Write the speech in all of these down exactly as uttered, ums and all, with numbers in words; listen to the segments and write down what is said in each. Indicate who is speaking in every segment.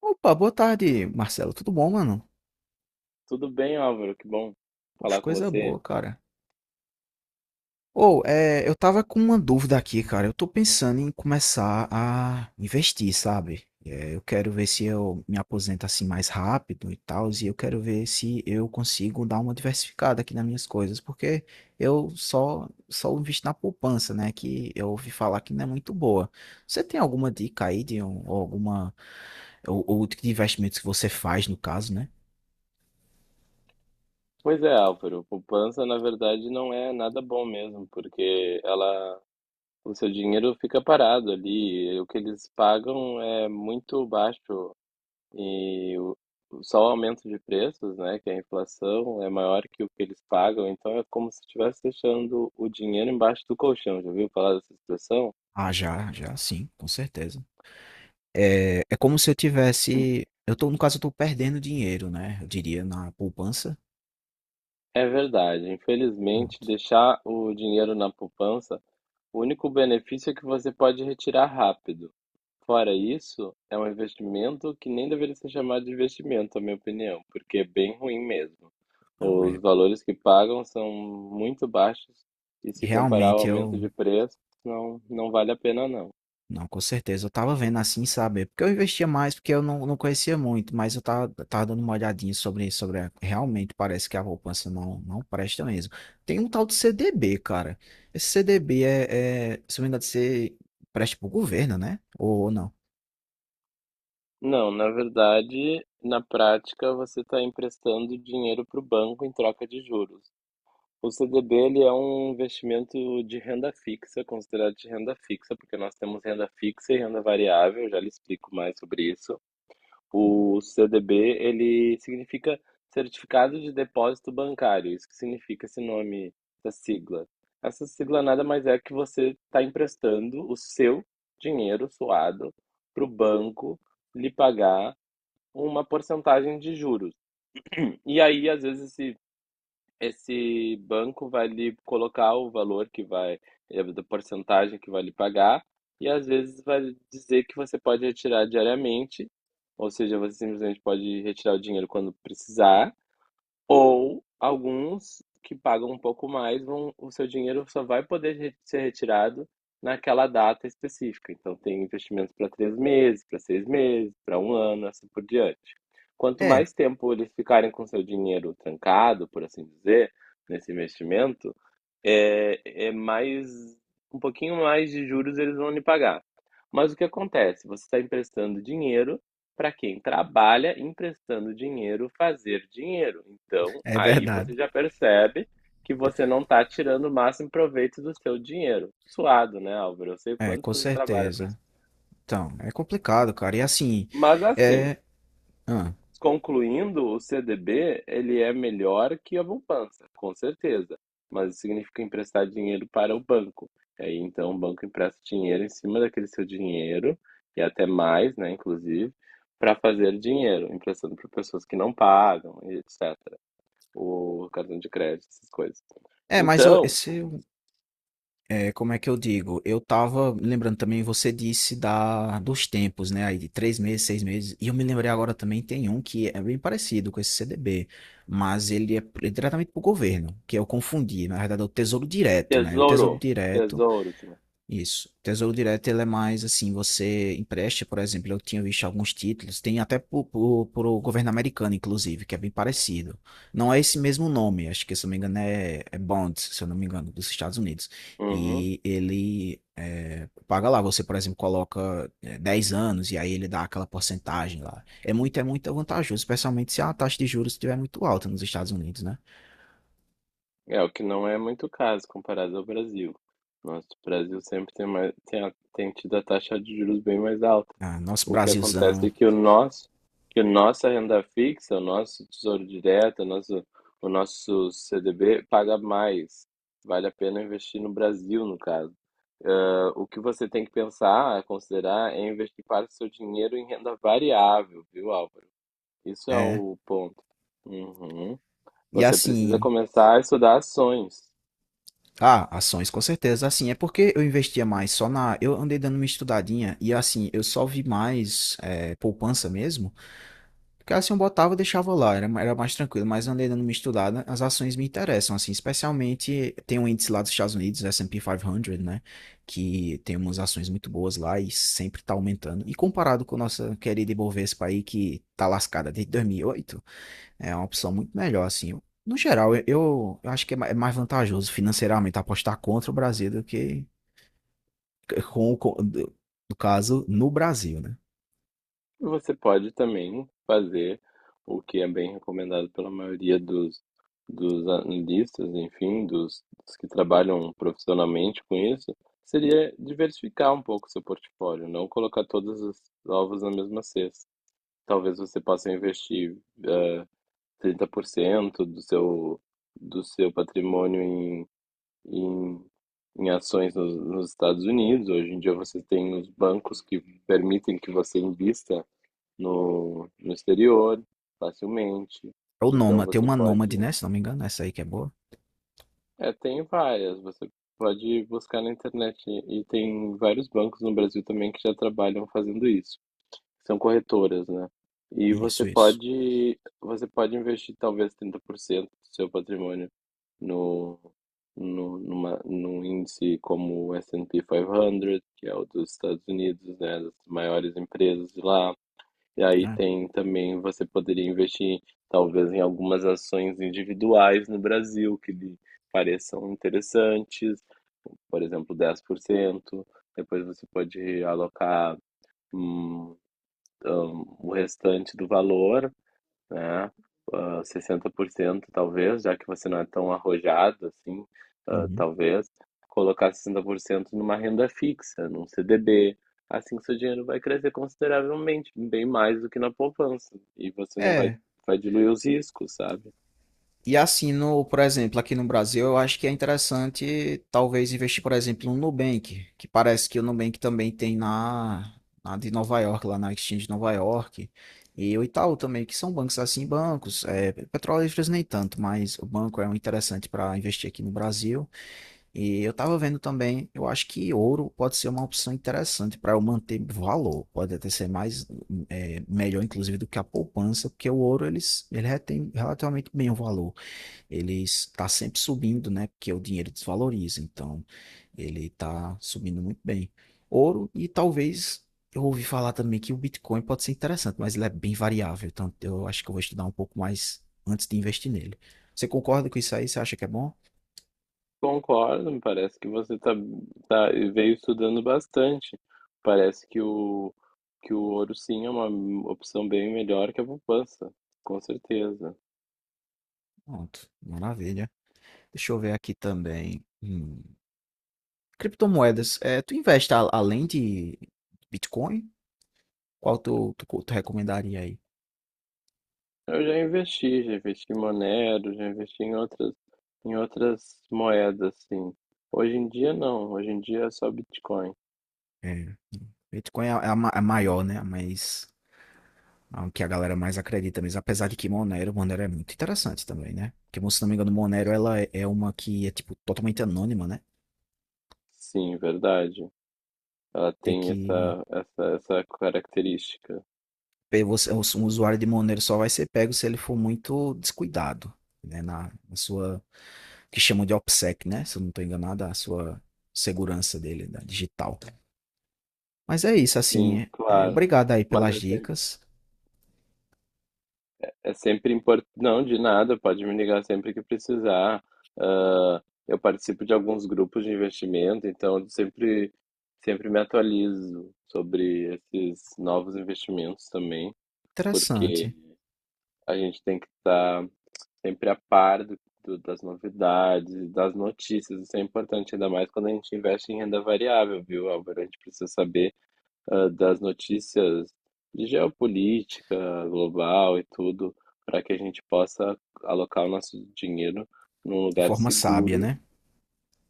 Speaker 1: Opa, boa tarde, Marcelo. Tudo bom, mano?
Speaker 2: Tudo bem, Álvaro? Que bom
Speaker 1: Poxa,
Speaker 2: falar com
Speaker 1: coisa
Speaker 2: você.
Speaker 1: boa, cara. Ou, é, eu tava com uma dúvida aqui, cara. Eu tô pensando em começar a investir, sabe? É, eu quero ver se eu me aposento assim mais rápido e tal, e eu quero ver se eu consigo dar uma diversificada aqui nas minhas coisas, porque eu só só invisto na poupança, né? Que eu ouvi falar que não é muito boa. Você tem alguma dica aí de um, ou alguma ou, ou de investimentos que você faz no caso, né?
Speaker 2: Pois é, Álvaro, poupança na verdade não é nada bom mesmo, porque ela, o seu dinheiro fica parado ali, e o que eles pagam é muito baixo e o- só o aumento de preços, né, que a inflação é maior que o que eles pagam, então é como se estivesse deixando o dinheiro embaixo do colchão. Já ouviu falar dessa expressão?
Speaker 1: Ah, já, já, sim, com certeza. É, é como se eu tivesse, eu tô, no caso, eu tô perdendo dinheiro, né? Eu diria na poupança.
Speaker 2: É verdade, infelizmente
Speaker 1: Pronto.
Speaker 2: deixar o dinheiro na poupança... O único benefício é que você pode retirar rápido. Fora isso, é um investimento que nem deveria ser chamado de investimento, na minha opinião, porque é bem ruim mesmo.
Speaker 1: Não,
Speaker 2: Os
Speaker 1: é,
Speaker 2: valores que pagam são muito baixos e se comparar ao
Speaker 1: realmente
Speaker 2: aumento
Speaker 1: eu,
Speaker 2: de preço, não, não vale a pena não.
Speaker 1: não, com certeza, eu tava vendo assim, sabe? Porque eu investia mais, porque eu não, não conhecia muito, mas eu tava, tava dando uma olhadinha sobre isso, sobre, a- realmente parece que a poupança não, não presta mesmo. Tem um tal de C D B, cara. Esse C D B é, é se não me engano, você presta pro governo, né? Ou, ou não?
Speaker 2: Não, na verdade, na prática, você está emprestando dinheiro para o banco em troca de juros. O C D B ele é um investimento de renda fixa, considerado de renda fixa, porque nós temos renda fixa e renda variável, já lhe explico mais sobre isso. O C D B ele significa Certificado de Depósito Bancário, isso que significa esse nome, essa sigla. Essa sigla nada mais é que você está emprestando o seu dinheiro suado para o banco lhe pagar uma porcentagem de juros. E aí, às vezes, esse esse banco vai lhe colocar o valor que vai, eh, da porcentagem que vai lhe pagar, e às vezes vai dizer que você pode retirar diariamente, ou seja, você simplesmente pode retirar o dinheiro quando precisar, ou alguns que pagam um pouco mais, vão, o seu dinheiro só vai poder re- ser retirado naquela data específica. Então, tem investimentos para três meses, para seis meses, para um ano, assim por diante. Quanto
Speaker 1: É,
Speaker 2: mais tempo eles ficarem com seu dinheiro trancado, por assim dizer, nesse investimento, é, é mais, um pouquinho mais de juros eles vão lhe pagar. Mas o que acontece? Você está emprestando dinheiro para quem trabalha emprestando dinheiro fazer dinheiro. Então,
Speaker 1: é
Speaker 2: aí
Speaker 1: verdade.
Speaker 2: você já percebe que você não está tirando o máximo proveito do seu dinheiro. Suado, né, Álvaro? Eu sei o
Speaker 1: É,
Speaker 2: quanto
Speaker 1: com
Speaker 2: você trabalha por isso.
Speaker 1: certeza. Então, é complicado, cara. E assim,
Speaker 2: Mas assim,
Speaker 1: é. Ah.
Speaker 2: concluindo, o C D B ele é melhor que a poupança, com certeza, mas isso significa emprestar dinheiro para o banco. E aí, então, o banco empresta dinheiro em cima daquele seu dinheiro, e até mais, né, inclusive, para fazer dinheiro, emprestando para pessoas que não pagam, e et cetera. O cartão de crédito, essas coisas.
Speaker 1: É, mas eu,
Speaker 2: Então,
Speaker 1: esse, eu- é, como é que eu digo? Eu tava lembrando também, você disse da, dos tempos, né? Aí de três meses, seis meses. E eu me lembrei agora também, tem um que é bem parecido com esse C D B, mas ele é, pr- diretamente pro governo, que eu confundi. Na verdade, é o Tesouro Direto, né? O Tesouro
Speaker 2: tesouro,
Speaker 1: Direto.
Speaker 2: tesouro, tia.
Speaker 1: Isso. Tesouro direto, ele é mais assim, você empresta, por exemplo, eu tinha visto alguns títulos, tem até para o governo americano, inclusive, que é bem parecido. Não é esse mesmo nome, acho que, se eu não me engano, é, é Bond, se eu não me engano, dos Estados Unidos.
Speaker 2: Uhum.
Speaker 1: E ele é, paga lá, você, por exemplo, coloca é, dez anos e aí ele dá aquela porcentagem lá. É muito, é muito vantajoso, especialmente se a taxa de juros estiver muito alta nos Estados Unidos, né?
Speaker 2: É, o que não é muito caso comparado ao Brasil. Nosso Brasil sempre tem, mais, tem, a- tem tido a taxa de juros bem mais alta.
Speaker 1: Ah, nosso
Speaker 2: O que acontece
Speaker 1: Brasilzão,
Speaker 2: é que o nosso, que a nossa renda fixa, o nosso Tesouro Direto, o nosso, o nosso C D B paga mais. Vale a pena investir no Brasil, no caso. Ah, o que você tem que pensar, considerar, é investir parte do seu dinheiro em renda variável, viu, Álvaro? Isso é
Speaker 1: é.
Speaker 2: o ponto. Uhum.
Speaker 1: E
Speaker 2: Você precisa
Speaker 1: assim,
Speaker 2: começar a estudar ações.
Speaker 1: ah, ações, com certeza. Assim, é porque eu investia mais só na. Eu andei dando uma estudadinha e, assim, eu só vi mais é, poupança mesmo. Porque, assim, eu botava e deixava lá, era, era mais tranquilo. Mas eu andei dando uma estudada, as ações me interessam, assim, especialmente tem um índice lá dos Estados Unidos, S and P quinhentos, né? Que tem umas ações muito boas lá e sempre tá aumentando. E comparado com a nossa querida Ibovespa aí, que tá lascada desde dois mil e oito. É uma opção muito melhor, assim. Eu- No geral, eu, eu eu acho que é ma- é mais vantajoso financeiramente apostar contra o Brasil do que com, o co- do- no caso, no Brasil, né?
Speaker 2: Você pode também fazer o que é bem recomendado pela maioria dos, dos analistas, enfim, dos, dos que trabalham profissionalmente com isso, seria diversificar um pouco o seu portfólio, não colocar todos os ovos na mesma cesta. Talvez você possa investir eh, trinta por cento do seu, do seu patrimônio em, em, em ações nos, nos Estados Unidos. Hoje em dia você tem os bancos que permitem que você invista no, no exterior facilmente.
Speaker 1: É o
Speaker 2: Então
Speaker 1: Nômade, tem
Speaker 2: você
Speaker 1: uma
Speaker 2: pode.
Speaker 1: Nômade, né? Se não me engano, essa aí que é boa.
Speaker 2: É, tem várias. Você pode buscar na internet. E e tem vários bancos no Brasil também que já trabalham fazendo isso. São corretoras, né? E você
Speaker 1: Isso, isso.
Speaker 2: pode, você pode investir talvez trinta por cento do seu patrimônio no, no, numa, num índice como o S and P quinhentos, que é o dos Estados Unidos, né, das maiores empresas de lá. E aí
Speaker 1: É.
Speaker 2: tem também, você poderia investir talvez em algumas ações individuais no Brasil que lhe pareçam interessantes, por exemplo, dez por cento. Depois você pode alocar hum, hum, o restante do valor, né? Ah, sessenta por cento talvez, já que você não é tão arrojado assim, ah,
Speaker 1: Uhum.
Speaker 2: talvez, colocar sessenta por cento numa renda fixa, num C D B. Assim seu dinheiro vai crescer consideravelmente, bem mais do que na poupança. E você não vai,
Speaker 1: É.
Speaker 2: vai diluir os riscos, sabe?
Speaker 1: E assim, no, por exemplo, aqui no Brasil, eu acho que é interessante talvez investir, por exemplo, no Nubank, que parece que o Nubank também tem na, na de Nova York, lá na Exchange de Nova York, e o Itaú também, que são bancos assim, bancos, é, Petrolíferos nem tanto, mas o banco é um interessante para investir aqui no Brasil. E eu estava vendo também, eu acho que ouro pode ser uma opção interessante para eu manter valor, pode até ser mais é, melhor, inclusive, do que a poupança, porque o ouro eles, ele retém relativamente bem o valor, ele está sempre subindo, né? Porque o dinheiro desvaloriza, então ele está subindo muito bem. Ouro e talvez eu ouvi falar também que o Bitcoin pode ser interessante, mas ele é bem variável, então eu acho que eu vou estudar um pouco mais antes de investir nele. Você concorda com isso aí? Você acha que é bom?
Speaker 2: Concordo, me parece que você tá, tá, veio estudando bastante. Parece que o, que o ouro sim é uma opção bem melhor que a poupança, com certeza.
Speaker 1: Pronto, maravilha. Deixa eu ver aqui também. Hum, Criptomoedas, é, tu investe a- além de Bitcoin? Qual tu, tu, tu recomendaria aí?
Speaker 2: Eu já investi, já investi em Monero, já investi em outras, em outras moedas, sim. Hoje em dia não, hoje em dia é só Bitcoin.
Speaker 1: É, Bitcoin é a, é ma- a maior, né? A mais. Ah, o que a galera mais acredita mesmo. Apesar de que Monero, Monero é muito interessante também, né? Porque, se não me engano, Monero ela é é uma que é, tipo, totalmente anônima, né?
Speaker 2: Sim, verdade. Ela
Speaker 1: Tem
Speaker 2: tem
Speaker 1: que...
Speaker 2: essa, essa, essa característica.
Speaker 1: pe- Você, um usuário de Monero só vai ser pego se ele for muito descuidado, né? Na, na sua... Que chamam de OPSEC, né? Se eu não estou enganado, a sua segurança dele, da digital. Mas é isso, assim.
Speaker 2: Sim,
Speaker 1: é- é,
Speaker 2: claro.
Speaker 1: obrigado aí
Speaker 2: Mas
Speaker 1: pelas
Speaker 2: é sempre,
Speaker 1: dicas.
Speaker 2: é sempre importante. Não, de nada, pode me ligar sempre que precisar. Ah, eu participo de alguns grupos de investimento, então eu sempre, sempre me atualizo sobre esses novos investimentos também, porque
Speaker 1: Interessante.
Speaker 2: a gente tem que estar sempre a par do, do- das novidades, das notícias. Isso é importante, ainda mais quando a gente investe em renda variável, viu, Álvaro? A gente precisa saber, ah, das notícias de geopolítica global e tudo, para que a gente possa alocar o nosso dinheiro num
Speaker 1: De
Speaker 2: lugar
Speaker 1: forma sábia,
Speaker 2: seguro
Speaker 1: né?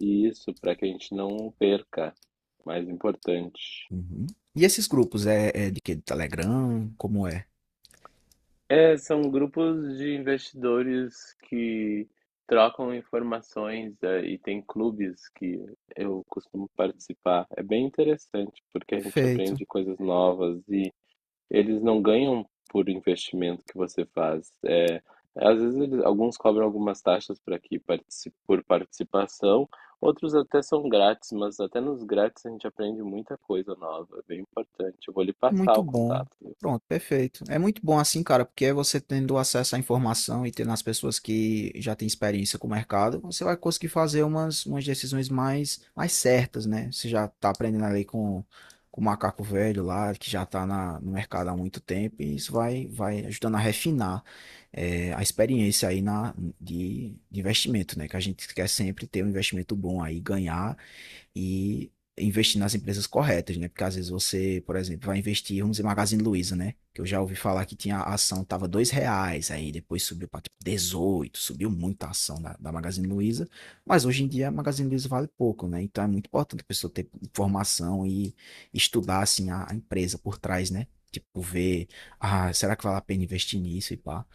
Speaker 2: e isso para que a gente não perca. Mais importante.
Speaker 1: Uhum. E esses grupos, é, é de que? Do Telegram? Como é?
Speaker 2: É, são grupos de investidores que trocam informações, eh, e tem clubes que eu costumo participar. É bem interessante, porque a gente
Speaker 1: Perfeito.
Speaker 2: aprende coisas novas e eles não ganham por investimento que você faz. É, às vezes eles- alguns cobram algumas taxas para que partici- por participação, outros até são grátis, mas até nos grátis a gente aprende muita coisa nova, é bem importante. Eu vou lhe
Speaker 1: É
Speaker 2: passar
Speaker 1: muito
Speaker 2: o
Speaker 1: bom.
Speaker 2: contato.
Speaker 1: Pronto, perfeito. É muito bom assim, cara, porque é você tendo acesso à informação e tendo as pessoas que já têm experiência com o mercado, você vai conseguir fazer umas, umas decisões mais, mais certas, né? Você já tá aprendendo ali com, com o macaco velho lá, que já tá na, no mercado há muito tempo, e isso vai, vai ajudando a refinar, eh, a experiência aí na, de, de investimento, né? Que a gente quer sempre ter um investimento bom aí, ganhar e investir nas empresas corretas, né? Porque às vezes você, por exemplo, vai investir, vamos dizer, Magazine Luiza, né? Que eu já ouvi falar que tinha a ação, tava dois reais, aí depois subiu para tipo, dezoito, subiu muito a ação da, da Magazine Luiza, mas hoje em dia a Magazine Luiza vale pouco, né? Então é muito importante a pessoa ter informação e estudar, assim, a, a empresa por trás, né? Tipo, ver, ah, será que vale a pena investir nisso e pá.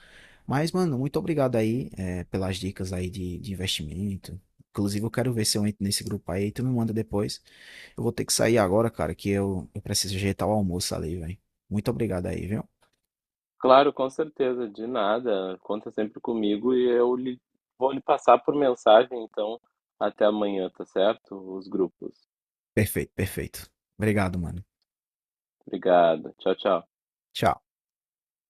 Speaker 1: Mas, mano, muito obrigado aí, é, pelas dicas aí de, de investimento. Inclusive, eu quero ver se eu entro nesse grupo aí, tu me manda depois. Eu vou ter que sair agora, cara, que eu, eu preciso ajeitar o almoço ali, velho. Muito obrigado aí, viu?
Speaker 2: Claro, com certeza, de nada. Conta sempre comigo e eu lhe, vou lhe passar por mensagem, então, até amanhã, tá certo? Os grupos.
Speaker 1: Perfeito, perfeito. Obrigado, mano.
Speaker 2: Obrigado. Tchau, tchau.
Speaker 1: Tchau.